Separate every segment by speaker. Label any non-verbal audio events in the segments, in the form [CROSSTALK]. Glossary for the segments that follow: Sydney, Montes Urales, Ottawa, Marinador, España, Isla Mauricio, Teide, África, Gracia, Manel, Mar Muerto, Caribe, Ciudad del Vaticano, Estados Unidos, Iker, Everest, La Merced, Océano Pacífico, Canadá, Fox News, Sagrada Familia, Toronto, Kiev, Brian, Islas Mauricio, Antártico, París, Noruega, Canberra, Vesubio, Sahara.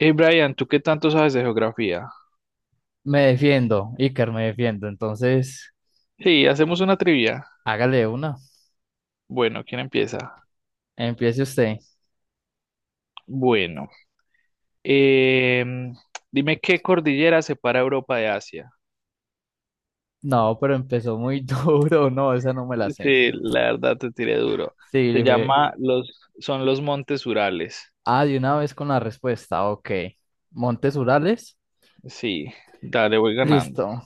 Speaker 1: Hey Brian, ¿tú qué tanto sabes de geografía?
Speaker 2: Me defiendo, Iker, me defiendo. Entonces,
Speaker 1: Sí, hacemos una trivia.
Speaker 2: hágale una.
Speaker 1: Bueno, ¿quién empieza?
Speaker 2: Empiece usted.
Speaker 1: Bueno, em, dime qué cordillera separa Europa de Asia.
Speaker 2: No, pero empezó muy [LAUGHS] duro. No, esa no me la sé.
Speaker 1: Sí, la verdad te tiré duro.
Speaker 2: Sí,
Speaker 1: Se
Speaker 2: dije.
Speaker 1: llama los, son los Montes Urales.
Speaker 2: Ah, de una vez con la respuesta. Ok. Montes Urales.
Speaker 1: Sí, dale, voy ganando.
Speaker 2: Listo.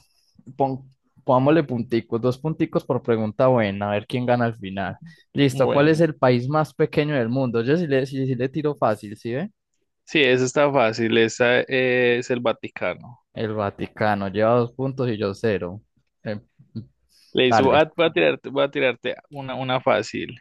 Speaker 2: Pon- Pongámosle punticos. Dos punticos por pregunta buena. A ver quién gana al final. Listo. ¿Cuál es
Speaker 1: Bueno,
Speaker 2: el país más pequeño del mundo? Yo sí le tiro fácil, ¿sí ve?
Speaker 1: sí, eso está fácil. Esa es el Vaticano.
Speaker 2: El Vaticano. Lleva dos puntos y yo cero. Em,
Speaker 1: Le hizo,
Speaker 2: Dale.
Speaker 1: voy a tirarte una fácil.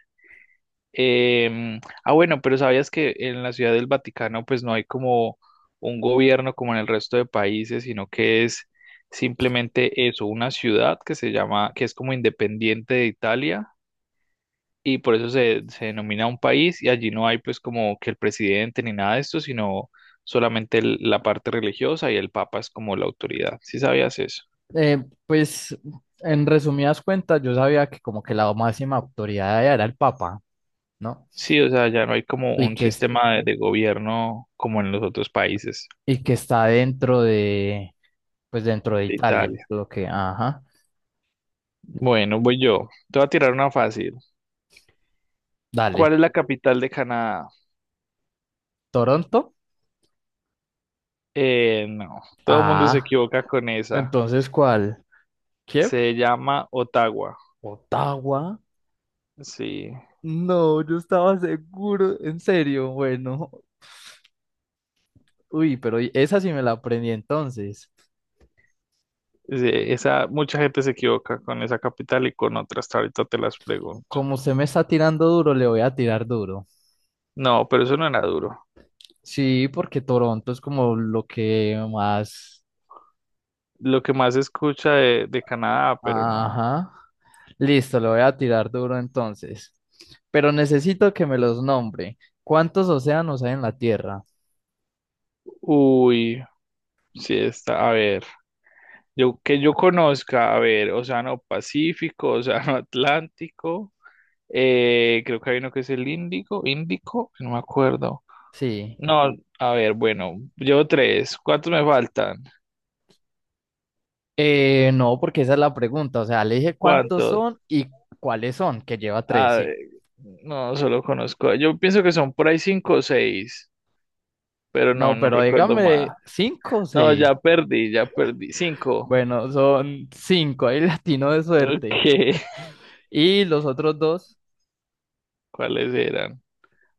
Speaker 1: Bueno, pero sabías que en la Ciudad del Vaticano pues no hay como un gobierno como en el resto de países, sino que es simplemente eso, una ciudad que se llama, que es como independiente de Italia y por eso se denomina un país y allí no hay pues como que el presidente ni nada de esto, sino solamente la parte religiosa y el papa es como la autoridad. ¿Sí sabías eso?
Speaker 2: Pues, en resumidas cuentas, yo sabía que como que la máxima autoridad allá era el Papa, ¿no?
Speaker 1: Sí, o sea, ya no hay como
Speaker 2: Y
Speaker 1: un
Speaker 2: que, es-
Speaker 1: sistema de gobierno como en los otros países
Speaker 2: y que está dentro de, pues dentro de
Speaker 1: de
Speaker 2: Italia, es
Speaker 1: Italia.
Speaker 2: lo que, ajá,
Speaker 1: Bueno, voy yo. Te voy a tirar una fácil. ¿Cuál
Speaker 2: dale.
Speaker 1: es la capital de Canadá?
Speaker 2: ¿Toronto?
Speaker 1: No, todo el mundo se
Speaker 2: Ah,
Speaker 1: equivoca con esa.
Speaker 2: entonces, ¿cuál? ¿Kiev?
Speaker 1: Se llama Ottawa.
Speaker 2: ¿Ottawa?
Speaker 1: Sí,
Speaker 2: No, yo estaba seguro, en serio, bueno. Uy, pero esa sí me la aprendí entonces.
Speaker 1: sí, esa, mucha gente se equivoca con esa capital y con otras. Ahorita te las pregunto.
Speaker 2: Como usted me está tirando duro, le voy a tirar duro.
Speaker 1: No, pero eso no era duro.
Speaker 2: Sí, porque Toronto es como lo que más.
Speaker 1: Lo que más se escucha de Canadá, pero no.
Speaker 2: Ajá. Listo, lo voy a tirar duro entonces. Pero necesito que me los nombre. ¿Cuántos océanos hay en la Tierra?
Speaker 1: Uy, sí está. A ver, yo que yo conozca, a ver, Océano Pacífico, [LAUGHS] Océano Atlántico. Creo que hay uno que es el índigo, índico, no me acuerdo.
Speaker 2: Sí.
Speaker 1: No, a ver, bueno, llevo tres. ¿Cuántos me faltan?
Speaker 2: No, porque esa es la pregunta. O sea, le dije cuántos
Speaker 1: ¿Cuántos?
Speaker 2: son y cuáles son, que lleva tres,
Speaker 1: A
Speaker 2: sí.
Speaker 1: ver, no, solo conozco. Yo pienso que son por ahí cinco o seis, pero no,
Speaker 2: No,
Speaker 1: no
Speaker 2: pero
Speaker 1: recuerdo más.
Speaker 2: dígame cinco o
Speaker 1: No,
Speaker 2: seis.
Speaker 1: ya perdí, ya perdí. Cinco.
Speaker 2: Bueno, son cinco, ahí [LAUGHS] latino de
Speaker 1: Ok,
Speaker 2: suerte.
Speaker 1: [LAUGHS]
Speaker 2: Y los otros dos
Speaker 1: ¿cuáles eran?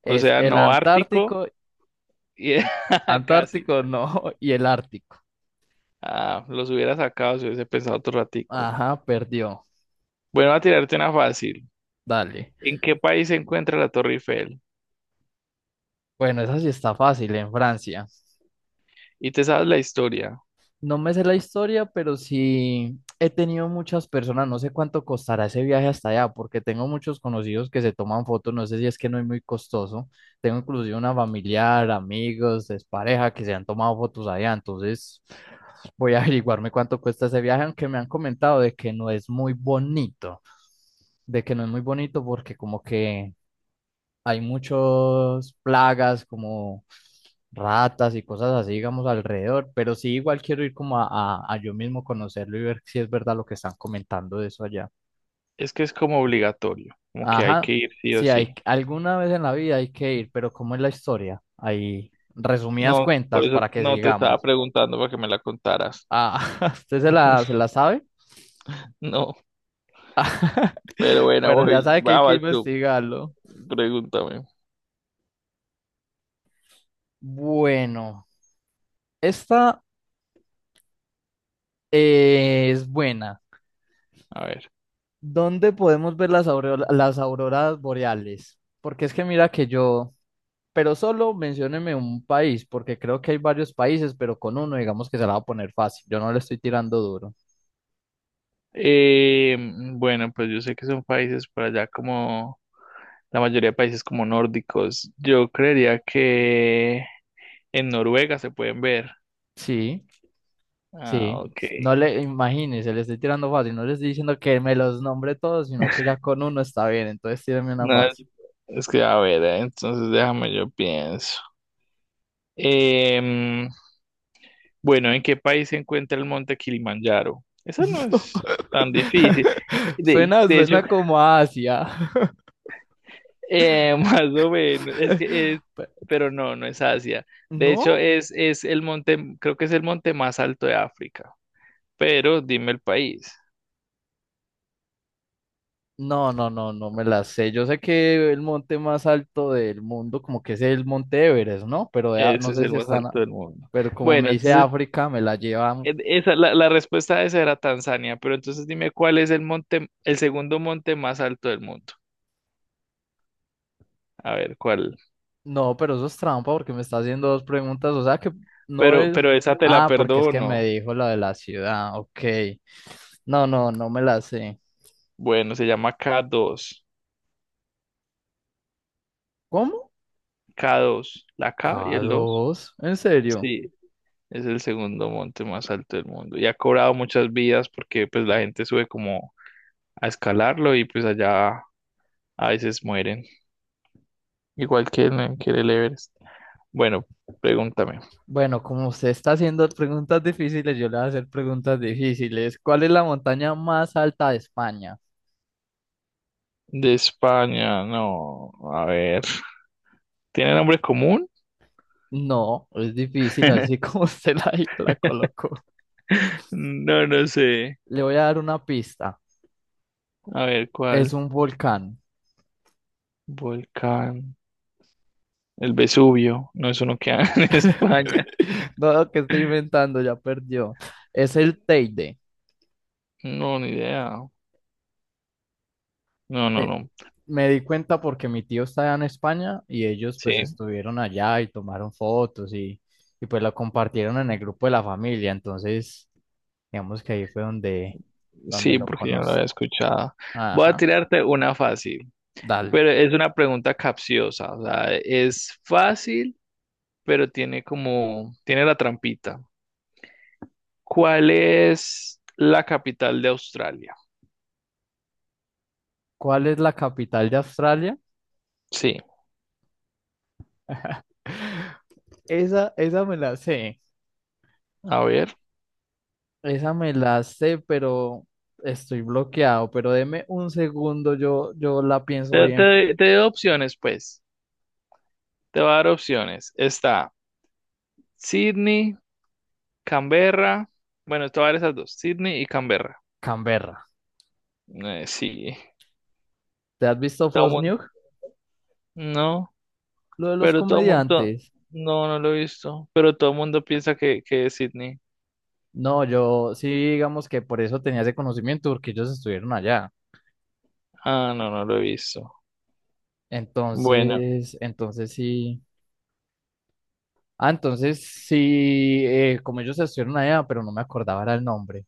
Speaker 1: O
Speaker 2: es
Speaker 1: sea,
Speaker 2: el
Speaker 1: no ártico
Speaker 2: Antártico,
Speaker 1: y [LAUGHS] casi,
Speaker 2: Antártico
Speaker 1: casi.
Speaker 2: no, [LAUGHS] y el Ártico.
Speaker 1: Ah, los hubiera sacado si hubiese pensado otro ratico.
Speaker 2: Ajá, perdió.
Speaker 1: Bueno, a tirarte una fácil.
Speaker 2: Dale.
Speaker 1: ¿En qué país se encuentra la Torre Eiffel?
Speaker 2: Bueno, esa sí está fácil en Francia.
Speaker 1: Y te sabes la historia.
Speaker 2: No me sé la historia, pero sí he tenido muchas personas. No sé cuánto costará ese viaje hasta allá, porque tengo muchos conocidos que se toman fotos. No sé si es que no es muy costoso. Tengo inclusive una familiar, amigos, pareja que se han tomado fotos allá. Entonces voy a averiguarme cuánto cuesta ese viaje, aunque me han comentado de que no es muy bonito, de que no es muy bonito porque como que hay muchas plagas como ratas y cosas así, digamos, alrededor, pero sí igual quiero ir como a yo mismo conocerlo y ver si es verdad lo que están comentando de eso allá.
Speaker 1: Es que es como obligatorio, como que hay
Speaker 2: Ajá,
Speaker 1: que ir sí o
Speaker 2: sí,
Speaker 1: sí.
Speaker 2: alguna vez en la vida hay que ir, pero ¿cómo es la historia? Ahí, resumidas
Speaker 1: No, por
Speaker 2: cuentas
Speaker 1: eso
Speaker 2: para que
Speaker 1: no te estaba
Speaker 2: sigamos.
Speaker 1: preguntando para que me la contaras.
Speaker 2: Ah, [LAUGHS] ¿usted se la, se
Speaker 1: [LAUGHS]
Speaker 2: la sabe?
Speaker 1: No, pero
Speaker 2: [LAUGHS]
Speaker 1: bueno,
Speaker 2: Bueno, ya
Speaker 1: voy,
Speaker 2: sabe que hay que
Speaker 1: vas tú,
Speaker 2: investigarlo.
Speaker 1: pregúntame.
Speaker 2: Bueno, esta es buena.
Speaker 1: A ver.
Speaker 2: ¿Dónde podemos ver las auroras boreales? Porque es que mira que yo, pero solo mencióneme un país, porque creo que hay varios países, pero con uno digamos que se la va a poner fácil. Yo no le estoy tirando duro.
Speaker 1: Bueno, pues yo sé que son países por allá como la mayoría de países como nórdicos. Yo creería que en Noruega se pueden ver.
Speaker 2: Sí,
Speaker 1: Ah,
Speaker 2: sí.
Speaker 1: ok.
Speaker 2: No le imagínese, le estoy tirando fácil. No le estoy diciendo que me los nombre todos, sino que ya con uno está bien. Entonces tíreme una
Speaker 1: No,
Speaker 2: fácil.
Speaker 1: es que a ver, entonces déjame yo pienso. Em, bueno, ¿en qué país se encuentra el monte Kilimanjaro? Eso no es tan
Speaker 2: [LAUGHS]
Speaker 1: difícil. De,
Speaker 2: Suena,
Speaker 1: de hecho,
Speaker 2: suena como a Asia.
Speaker 1: [LAUGHS] más o menos, es que es,
Speaker 2: [LAUGHS] Pe-
Speaker 1: pero no, no es Asia. De hecho,
Speaker 2: ¿No?
Speaker 1: es el monte, creo que es el monte más alto de África. Pero dime el país.
Speaker 2: No, no, no, no me las sé. Yo sé que el monte más alto del mundo, como que es el monte Everest, ¿no? Pero
Speaker 1: Ese
Speaker 2: no
Speaker 1: es
Speaker 2: sé si
Speaker 1: el más
Speaker 2: están,
Speaker 1: alto del mundo.
Speaker 2: pero como me
Speaker 1: Bueno,
Speaker 2: dice
Speaker 1: entonces,
Speaker 2: África, me la llevan.
Speaker 1: esa, la respuesta a esa era Tanzania, pero entonces dime cuál es el monte, el segundo monte más alto del mundo. A ver, cuál.
Speaker 2: No, pero eso es trampa porque me está haciendo dos preguntas. O sea que no
Speaker 1: Pero,
Speaker 2: es.
Speaker 1: pero esa te la
Speaker 2: Ah, porque es que me
Speaker 1: perdono.
Speaker 2: dijo la de la ciudad. Ok. No, no, no me la sé.
Speaker 1: Bueno, se llama K2.
Speaker 2: ¿Cómo?
Speaker 1: K2. La K y
Speaker 2: K
Speaker 1: el 2.
Speaker 2: dos? ¿En serio?
Speaker 1: Sí, es el segundo monte más alto del mundo. Y ha cobrado muchas vidas porque pues la gente sube como a escalarlo y pues allá a veces mueren. Igual que que en el Everest. Bueno, pregúntame.
Speaker 2: Bueno, como usted está haciendo preguntas difíciles, yo le voy a hacer preguntas difíciles. ¿Cuál es la montaña más alta de España?
Speaker 1: De España, no. A ver. ¿Tiene nombre común?
Speaker 2: No, es difícil así
Speaker 1: [LAUGHS]
Speaker 2: como [LAUGHS] usted la colocó.
Speaker 1: No, no sé.
Speaker 2: Le voy a dar una pista.
Speaker 1: A ver,
Speaker 2: Es
Speaker 1: ¿cuál?
Speaker 2: un volcán.
Speaker 1: Volcán. El Vesubio. No es uno que hay [LAUGHS] en España.
Speaker 2: [LAUGHS] No, que estoy inventando, ya perdió. Es el Teide.
Speaker 1: No, ni idea. No, no,
Speaker 2: Eh,
Speaker 1: no.
Speaker 2: Me di cuenta porque mi tío está allá en España y ellos
Speaker 1: Sí,
Speaker 2: pues estuvieron allá y tomaron fotos y pues lo compartieron en el grupo de la familia. Entonces, digamos que ahí fue donde
Speaker 1: sí,
Speaker 2: lo
Speaker 1: porque yo no lo había
Speaker 2: conocí.
Speaker 1: escuchado. Voy a
Speaker 2: Ajá,
Speaker 1: tirarte una fácil,
Speaker 2: dale.
Speaker 1: pero es una pregunta capciosa. O sea, es fácil, pero tiene como, tiene la trampita. ¿Cuál es la capital de Australia?
Speaker 2: ¿Cuál es la capital de Australia?
Speaker 1: Sí,
Speaker 2: Esa me la sé.
Speaker 1: a ver.
Speaker 2: Esa me la sé, pero estoy bloqueado. Pero deme un segundo, yo la pienso
Speaker 1: Te,
Speaker 2: bien.
Speaker 1: te, te doy opciones, pues. Te voy a dar opciones. Está Sydney, Canberra. Bueno, te voy a dar esas dos, Sydney y Canberra.
Speaker 2: Canberra.
Speaker 1: Sí.
Speaker 2: ¿Te has visto
Speaker 1: Todo
Speaker 2: Fox
Speaker 1: mundo.
Speaker 2: News?
Speaker 1: No,
Speaker 2: Lo de los
Speaker 1: pero todo mundo.
Speaker 2: comediantes.
Speaker 1: No, no lo he visto. Pero todo el mundo piensa que es Sydney.
Speaker 2: No, yo sí, digamos que por eso tenía ese conocimiento, porque ellos estuvieron allá.
Speaker 1: Ah, no, no lo he visto. Bueno,
Speaker 2: Entonces sí. Ah, entonces sí, como ellos estuvieron allá, pero no me acordaba era el nombre.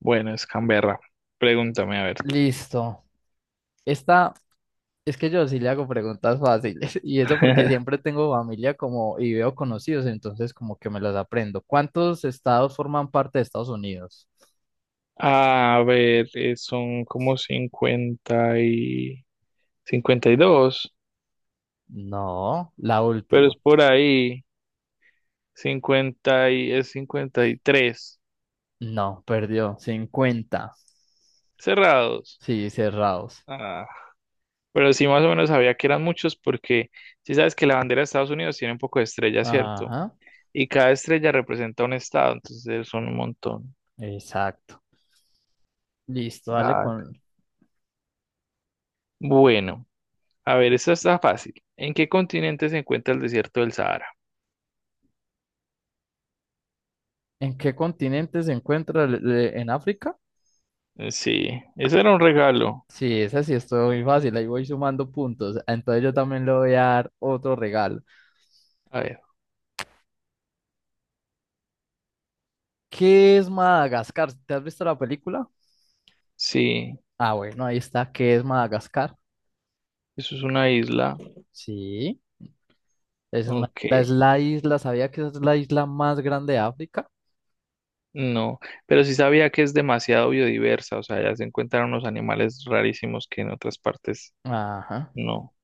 Speaker 1: bueno, es Canberra. Pregúntame, a ver.
Speaker 2: Listo. Esta Es que yo sí le hago preguntas fáciles [LAUGHS] y eso porque
Speaker 1: [LAUGHS]
Speaker 2: siempre tengo familia como y veo conocidos, entonces como que me las aprendo. ¿Cuántos estados forman parte de Estados Unidos?
Speaker 1: A ver, son como 52,
Speaker 2: No, la
Speaker 1: pero es
Speaker 2: última.
Speaker 1: por ahí. 50 y es 53
Speaker 2: No, perdió. 50.
Speaker 1: cerrados.
Speaker 2: Sí, cerrados.
Speaker 1: Ah, pero sí más o menos sabía que eran muchos porque sí sabes que la bandera de Estados Unidos tiene un poco de estrellas, ¿cierto?
Speaker 2: Ajá,
Speaker 1: Y cada estrella representa un estado, entonces son un montón.
Speaker 2: exacto. Listo, dale
Speaker 1: Ah,
Speaker 2: con.
Speaker 1: bueno, a ver, esta está fácil. ¿En qué continente se encuentra el desierto del Sahara?
Speaker 2: ¿En qué continente se encuentra? ¿En África?
Speaker 1: Sí, ese era un regalo.
Speaker 2: Sí, esa sí es muy fácil, ahí voy sumando puntos. Entonces yo también le voy a dar otro regalo.
Speaker 1: A ver,
Speaker 2: ¿Qué es Madagascar? ¿Te has visto la película?
Speaker 1: sí,
Speaker 2: Ah, bueno, ahí está. ¿Qué es Madagascar?
Speaker 1: eso es una isla.
Speaker 2: Sí, es una
Speaker 1: Ok.
Speaker 2: isla, es la isla, ¿sabía que es la isla más grande de África?
Speaker 1: No, pero sí sabía que es demasiado biodiversa, o sea, allá se encuentran unos animales rarísimos que en otras partes
Speaker 2: Ajá.
Speaker 1: no.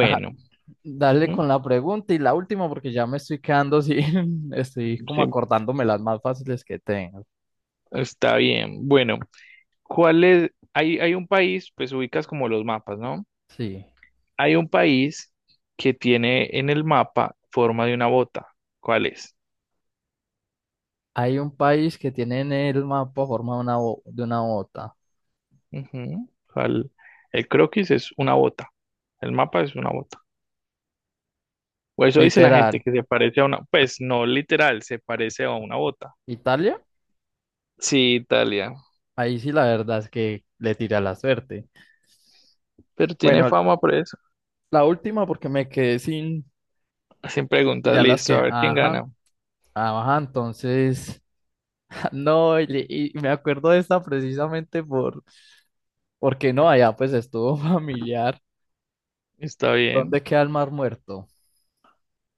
Speaker 2: Ajá. Dale
Speaker 1: ¿m?
Speaker 2: con la pregunta y la última porque ya me estoy quedando sin, [LAUGHS] estoy como
Speaker 1: Sí,
Speaker 2: acordándome las más fáciles que tengo.
Speaker 1: está bien. Bueno, ¿cuál es? Hay un país, pues ubicas como los mapas, ¿no?
Speaker 2: Sí.
Speaker 1: Hay un país que tiene en el mapa forma de una bota. ¿Cuál es?
Speaker 2: Hay un país que tiene en el mapa forma de una bota.
Speaker 1: Ujú, ¿cuál? El croquis es una bota, el mapa es una bota. O eso dice la gente
Speaker 2: Literal.
Speaker 1: que se parece a una, pues no literal, se parece a una bota.
Speaker 2: ¿Italia?
Speaker 1: Sí, Italia.
Speaker 2: Ahí sí la verdad es que le tira la suerte.
Speaker 1: Pero tiene
Speaker 2: Bueno,
Speaker 1: fama por eso.
Speaker 2: la última porque me quedé sin,
Speaker 1: Sin preguntas,
Speaker 2: ya las
Speaker 1: listo,
Speaker 2: que,
Speaker 1: a ver quién
Speaker 2: ajá.
Speaker 1: gana.
Speaker 2: Ah, ajá, entonces, [LAUGHS] no, y me acuerdo de esta precisamente porque no, allá pues estuvo [LAUGHS] familiar.
Speaker 1: Está bien.
Speaker 2: ¿Dónde queda el Mar Muerto?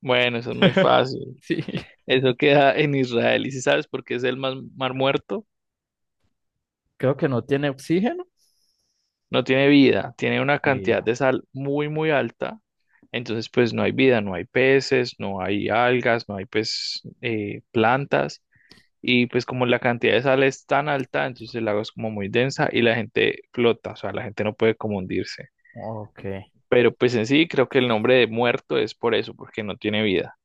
Speaker 1: Bueno, eso es muy fácil.
Speaker 2: Sí, [LAUGHS]
Speaker 1: Eso queda en Israel. Y si sabes por qué es el mar muerto,
Speaker 2: creo que no tiene oxígeno.
Speaker 1: no tiene vida, tiene una cantidad
Speaker 2: Vida.
Speaker 1: de sal muy, muy alta. Entonces, pues no hay vida, no hay peces, no hay algas, no hay pues plantas. Y pues como la cantidad de sal es tan alta, entonces el lago es como muy densa y la gente flota, o sea, la gente no puede como hundirse.
Speaker 2: Ok,
Speaker 1: Pero pues en sí creo que el nombre de muerto es por eso, porque no tiene vida.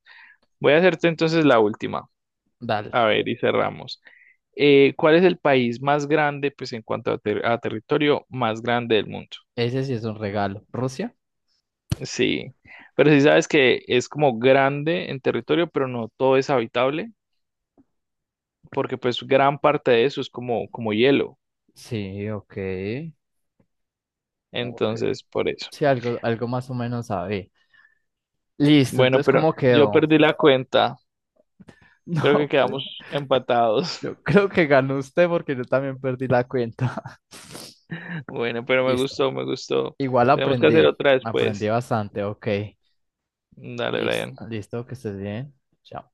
Speaker 1: Voy a hacerte entonces la última.
Speaker 2: dale.
Speaker 1: A ver, y cerramos. ¿Cuál es el país más grande, pues en cuanto a territorio, más grande del mundo?
Speaker 2: Ese sí es un regalo. ¿Rusia?
Speaker 1: Sí, pero si sabes que es como grande en territorio, pero no todo es habitable, porque pues gran parte de eso es como hielo.
Speaker 2: Sí, ok. Ok.
Speaker 1: Entonces, por eso.
Speaker 2: Sí, algo más o menos sabe. Listo,
Speaker 1: Bueno,
Speaker 2: entonces,
Speaker 1: pero
Speaker 2: ¿cómo
Speaker 1: yo
Speaker 2: quedó?
Speaker 1: perdí la
Speaker 2: [LAUGHS]
Speaker 1: cuenta. Creo que
Speaker 2: No, pues,
Speaker 1: quedamos empatados. [LAUGHS]
Speaker 2: yo creo que ganó usted porque yo también perdí la cuenta.
Speaker 1: Bueno,
Speaker 2: [LAUGHS]
Speaker 1: pero me
Speaker 2: Listo.
Speaker 1: gustó, me gustó.
Speaker 2: Igual
Speaker 1: Tenemos que hacer
Speaker 2: aprendí,
Speaker 1: otra
Speaker 2: aprendí
Speaker 1: después.
Speaker 2: bastante, ok.
Speaker 1: Dale, Brian.
Speaker 2: Listo, listo, que estés bien. Chao.